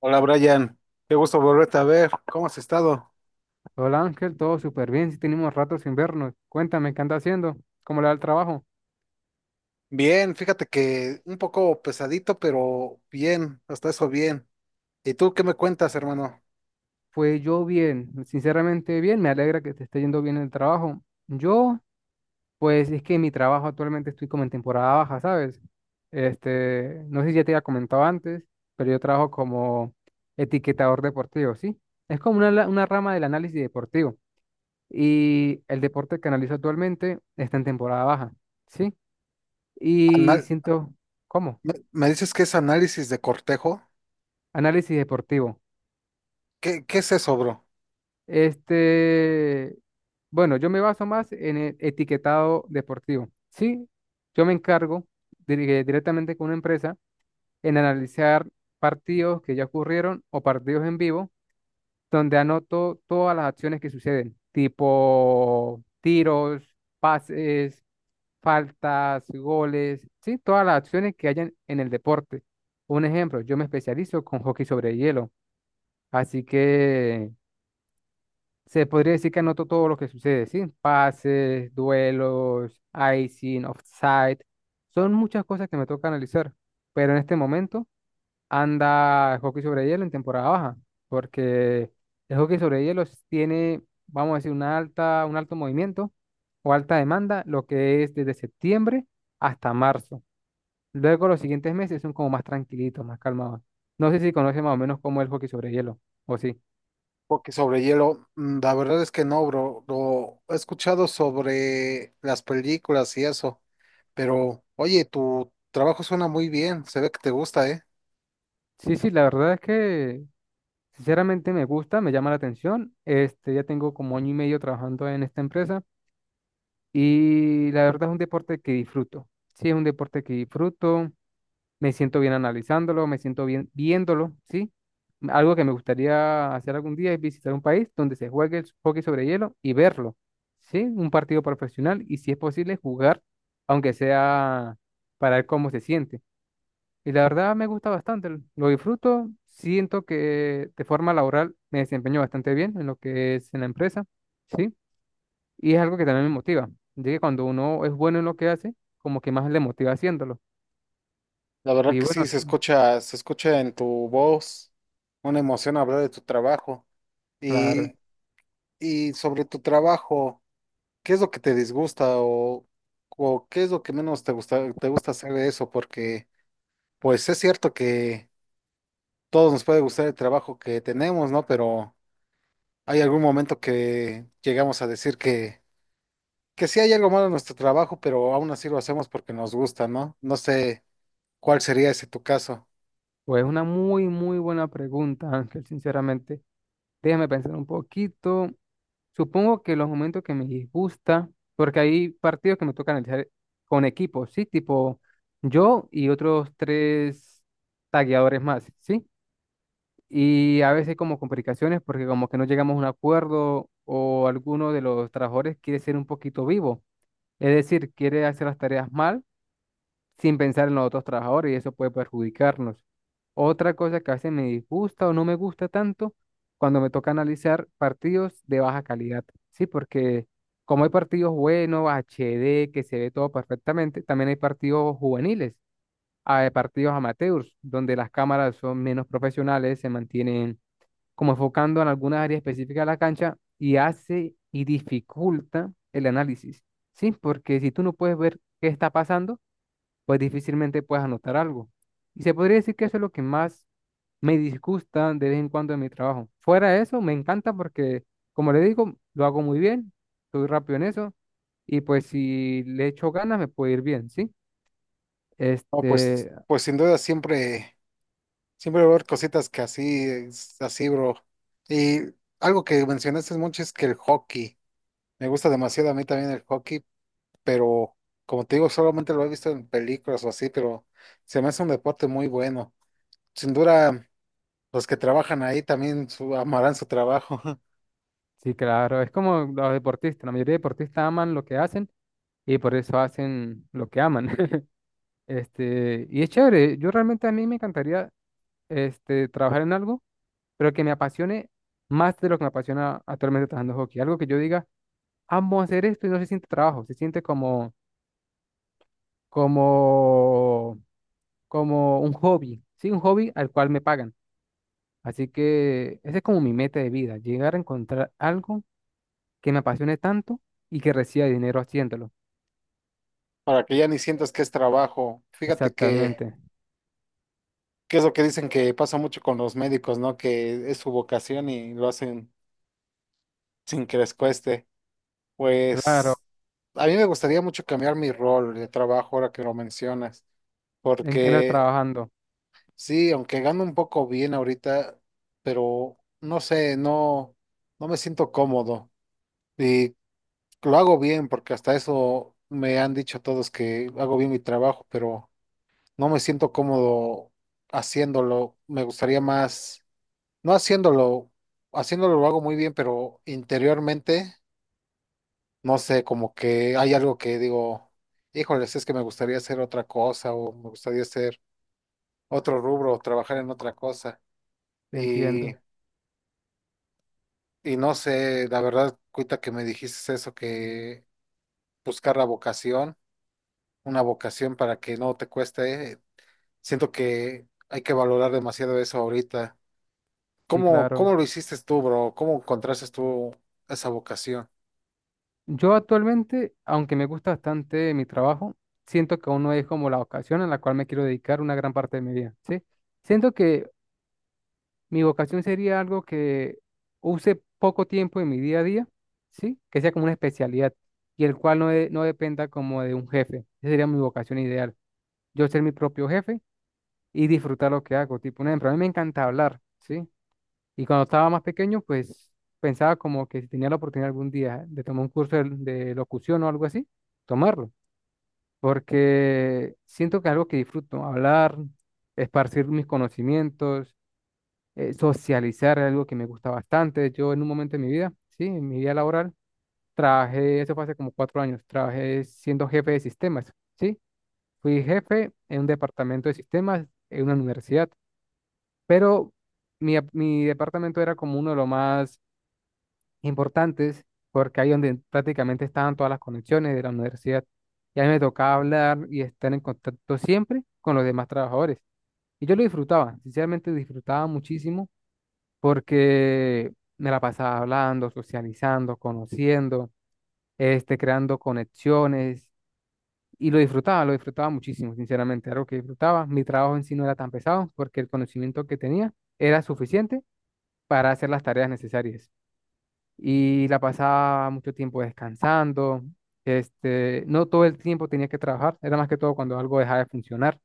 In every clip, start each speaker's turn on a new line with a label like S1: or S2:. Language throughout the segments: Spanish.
S1: Hola Brian, qué gusto volverte a ver. ¿Cómo has estado?
S2: Hola Ángel, todo súper bien, si tenemos rato sin vernos. Cuéntame, ¿qué anda haciendo? ¿Cómo le va el trabajo?
S1: Bien, fíjate que un poco pesadito, pero bien, hasta eso bien. ¿Y tú qué me cuentas, hermano?
S2: Pues yo bien, sinceramente bien, me alegra que te esté yendo bien el trabajo. Yo, pues es que en mi trabajo actualmente estoy como en temporada baja, ¿sabes? No sé si ya te había comentado antes, pero yo trabajo como etiquetador deportivo, ¿sí? Es como una, una rama del análisis deportivo. Y el deporte que analizo actualmente está en temporada baja, ¿sí? Y
S1: Anal-
S2: siento, ¿cómo?
S1: me dices que es análisis de cortejo?
S2: Análisis deportivo.
S1: ¿Qué es eso, bro?
S2: Este, bueno, yo me baso más en el etiquetado deportivo. Sí, yo me encargo directamente con una empresa en analizar partidos que ya ocurrieron o partidos en vivo, donde anoto todas las acciones que suceden, tipo tiros, pases, faltas, goles, sí, todas las acciones que hayan en el deporte. Un ejemplo, yo me especializo con hockey sobre hielo, así que se podría decir que anoto todo lo que sucede, ¿sí? Pases, duelos, icing, offside. Son muchas cosas que me toca analizar. Pero en este momento anda el hockey sobre hielo en temporada baja. Porque el hockey sobre hielo tiene, vamos a decir, una alta, un alto movimiento o alta demanda, lo que es desde septiembre hasta marzo. Luego los siguientes meses son como más tranquilitos, más calmados. No sé si conoce más o menos cómo es el hockey sobre hielo, o sí.
S1: Porque sobre hielo, la verdad es que no, bro. Lo he escuchado sobre las películas y eso, pero oye, tu trabajo suena muy bien, se ve que te gusta, ¿eh?
S2: Sí, sí, la verdad es que sinceramente me gusta, me llama la atención. Ya tengo como 1 año y medio trabajando en esta empresa y la verdad es un deporte que disfruto. Sí, es un deporte que disfruto, me siento bien analizándolo, me siento bien viéndolo, ¿sí? Algo que me gustaría hacer algún día es visitar un país donde se juegue el hockey sobre hielo y verlo, ¿sí? Un partido profesional y si es posible jugar, aunque sea para ver cómo se siente. Y la verdad me gusta bastante, lo disfruto, siento que de forma laboral me desempeño bastante bien en lo que es en la empresa, ¿sí? Y es algo que también me motiva, ya que cuando uno es bueno en lo que hace, como que más le motiva haciéndolo.
S1: La verdad
S2: Y
S1: que
S2: bueno,
S1: sí, se
S2: sí,
S1: escucha, se escucha en tu voz una emoción hablar de tu trabajo.
S2: claro,
S1: Y, y sobre tu trabajo, ¿qué es lo que te disgusta o qué es lo que menos te gusta hacer de eso? Porque, pues es cierto que todos nos puede gustar el trabajo que tenemos, ¿no? Pero hay algún momento que llegamos a decir que sí hay algo malo en nuestro trabajo, pero aún así lo hacemos porque nos gusta, ¿no? No sé cuál sería ese tu caso.
S2: pues una muy, muy buena pregunta, Ángel, sinceramente. Déjame pensar un poquito. Supongo que los momentos que me disgusta, porque hay partidos que me tocan analizar con equipos, ¿sí? Tipo yo y otros 3 tagueadores más, ¿sí? Y a veces como complicaciones porque como que no llegamos a un acuerdo o alguno de los trabajadores quiere ser un poquito vivo, es decir, quiere hacer las tareas mal sin pensar en los otros trabajadores y eso puede perjudicarnos. Otra cosa que a veces me disgusta o no me gusta tanto cuando me toca analizar partidos de baja calidad, ¿sí? Porque como hay partidos buenos, HD que se ve todo perfectamente, también hay partidos juveniles, hay partidos amateurs, donde las cámaras son menos profesionales, se mantienen como enfocando en alguna área específica de la cancha y hace y dificulta el análisis, ¿sí? Porque si tú no puedes ver qué está pasando, pues difícilmente puedes anotar algo. Y se podría decir que eso es lo que más me disgusta de vez en cuando en mi trabajo. Fuera de eso, me encanta porque, como le digo, lo hago muy bien, soy rápido en eso y pues si le echo ganas me puede ir bien, ¿sí?
S1: No, pues,
S2: Este,
S1: pues sin duda siempre. Siempre va a haber cositas que así, es así, bro. Y algo que mencionaste mucho es que el hockey. Me gusta demasiado a mí también el hockey, pero como te digo, solamente lo he visto en películas o así, pero se me hace un deporte muy bueno. Sin duda, los que trabajan ahí también amarán su trabajo,
S2: sí, claro, es como los deportistas, la mayoría de deportistas aman lo que hacen y por eso hacen lo que aman. Y es chévere. Yo realmente a mí me encantaría trabajar en algo, pero que me apasione más de lo que me apasiona actualmente trabajando hockey. Algo que yo diga, amo hacer esto y no se siente trabajo, se siente como, como un hobby, sí, un hobby al cual me pagan. Así que esa es como mi meta de vida, llegar a encontrar algo que me apasione tanto y que reciba dinero haciéndolo.
S1: para que ya ni sientas que es trabajo.
S2: Exactamente.
S1: Que es lo que dicen que pasa mucho con los médicos, ¿no? Que es su vocación y lo hacen sin que les cueste.
S2: Claro,
S1: Pues a mí me gustaría mucho cambiar mi rol de trabajo ahora que lo mencionas,
S2: ¿en qué andas
S1: porque
S2: trabajando?
S1: sí, aunque gano un poco bien ahorita, pero no sé, no, no me siento cómodo y lo hago bien porque hasta eso me han dicho todos que hago bien mi trabajo, pero no me siento cómodo haciéndolo. Me gustaría más, no haciéndolo, haciéndolo lo hago muy bien, pero interiormente. No sé, como que hay algo que digo, híjoles, es que me gustaría hacer otra cosa o me gustaría hacer otro rubro o trabajar en otra cosa.
S2: Te
S1: Y,
S2: entiendo.
S1: y no sé, la verdad, cuita que me dijiste eso, que buscar la vocación, una vocación para que no te cueste, siento que hay que valorar demasiado eso ahorita.
S2: Sí,
S1: ¿Cómo
S2: claro.
S1: lo hiciste tú, bro? ¿Cómo encontraste tú esa vocación?
S2: Yo actualmente, aunque me gusta bastante mi trabajo, siento que aún no es como la vocación a la cual me quiero dedicar una gran parte de mi vida, ¿sí? Siento que mi vocación sería algo que use poco tiempo en mi día a día, ¿sí? Que sea como una especialidad y el cual no dependa como de un jefe. Esa sería mi vocación ideal. Yo ser mi propio jefe y disfrutar lo que hago. Tipo, un ejemplo, a mí me encanta hablar, ¿sí? Y cuando estaba más pequeño, pues pensaba como que si tenía la oportunidad algún día de tomar un curso de locución o algo así, tomarlo, porque siento que es algo que disfruto, hablar, esparcir mis conocimientos, socializar es algo que me gusta bastante. Yo en un momento de mi vida, sí, en mi vida laboral, trabajé, eso fue hace como 4 años, trabajé siendo jefe de sistemas, sí, fui jefe en un departamento de sistemas en una universidad, pero mi departamento era como uno de los más importantes, porque ahí donde prácticamente estaban todas las conexiones de la universidad. Y a mí me tocaba hablar y estar en contacto siempre con los demás trabajadores. Y yo lo disfrutaba, sinceramente disfrutaba muchísimo porque me la pasaba hablando, socializando, conociendo, creando conexiones. Y lo disfrutaba muchísimo, sinceramente, algo que disfrutaba. Mi trabajo en sí no era tan pesado porque el conocimiento que tenía era suficiente para hacer las tareas necesarias y la pasaba mucho tiempo descansando. No todo el tiempo tenía que trabajar, era más que todo cuando algo dejaba de funcionar.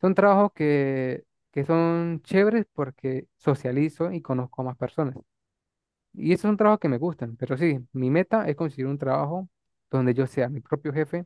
S2: Son que son chéveres porque socializo y conozco a más personas. Y esos son trabajos que me gustan, pero sí, mi meta es conseguir un trabajo donde yo sea mi propio jefe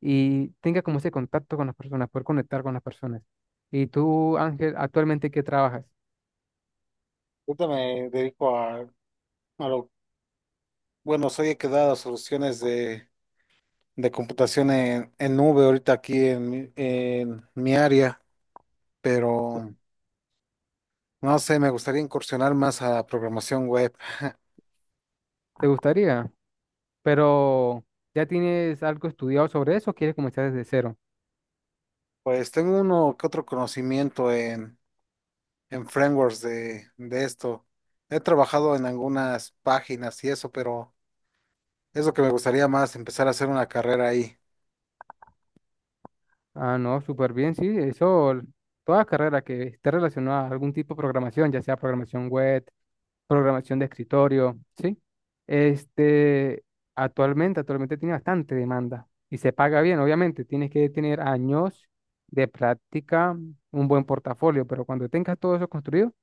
S2: y tenga como ese contacto con las personas, poder conectar con las personas. Y tú, Ángel, actualmente, ¿qué trabajas?
S1: Ahorita me dedico a lo, bueno, soy he quedado a soluciones de computación en nube ahorita aquí en, en mi área, pero no sé, me gustaría incursionar más a programación web.
S2: ¿Te gustaría? Pero, ¿ya tienes algo estudiado sobre eso o quieres comenzar desde cero?
S1: Pues tengo uno que otro conocimiento en frameworks de esto. He trabajado en algunas páginas y eso, pero es lo que me gustaría más, empezar a hacer una carrera ahí.
S2: Ah, no, súper bien, sí, eso, toda carrera que esté relacionada a algún tipo de programación, ya sea programación web, programación de escritorio, ¿sí? Este, actualmente tiene bastante demanda y se paga bien, obviamente, tienes que tener años de práctica, un buen portafolio, pero cuando tengas todo eso construido,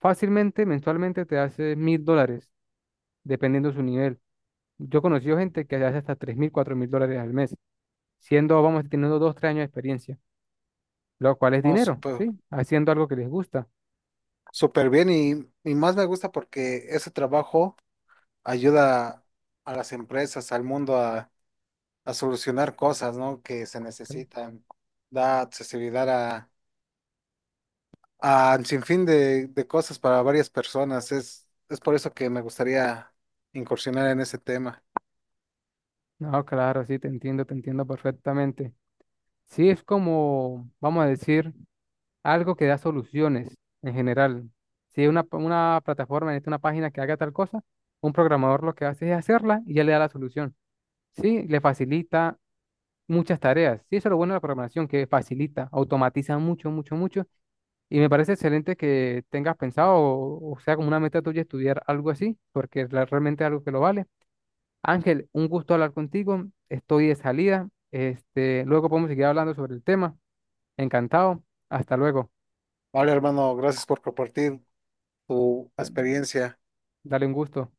S2: fácilmente, mensualmente te hace $1000, dependiendo de su nivel. Yo he conocido gente que hace hasta $3000, $4000 al mes, siendo, vamos, teniendo 2, 3 años de experiencia lo cual es
S1: No,
S2: dinero, ¿sí? Haciendo algo que les gusta.
S1: súper bien y más me gusta porque ese trabajo ayuda a las empresas, al mundo a solucionar cosas, ¿no? Que se
S2: Cl-
S1: necesitan. Da accesibilidad a, a un sinfín de cosas para varias personas. Es por eso que me gustaría incursionar en ese tema.
S2: No, claro, sí, te entiendo perfectamente. Sí, es como, vamos a decir, algo que da soluciones en general. Si una, una plataforma necesita una página que haga tal cosa, un programador lo que hace es hacerla y ya le da la solución. Sí, le facilita muchas tareas. Sí, eso es lo bueno de la programación, que facilita, automatiza mucho. Y me parece excelente que tengas pensado o sea como una meta tuya estudiar algo así, porque es realmente algo que lo vale. Ángel, un gusto hablar contigo. Estoy de salida. Luego podemos seguir hablando sobre el tema. Encantado. Hasta luego.
S1: Vale, hermano, gracias por compartir tu experiencia.
S2: Dale un gusto.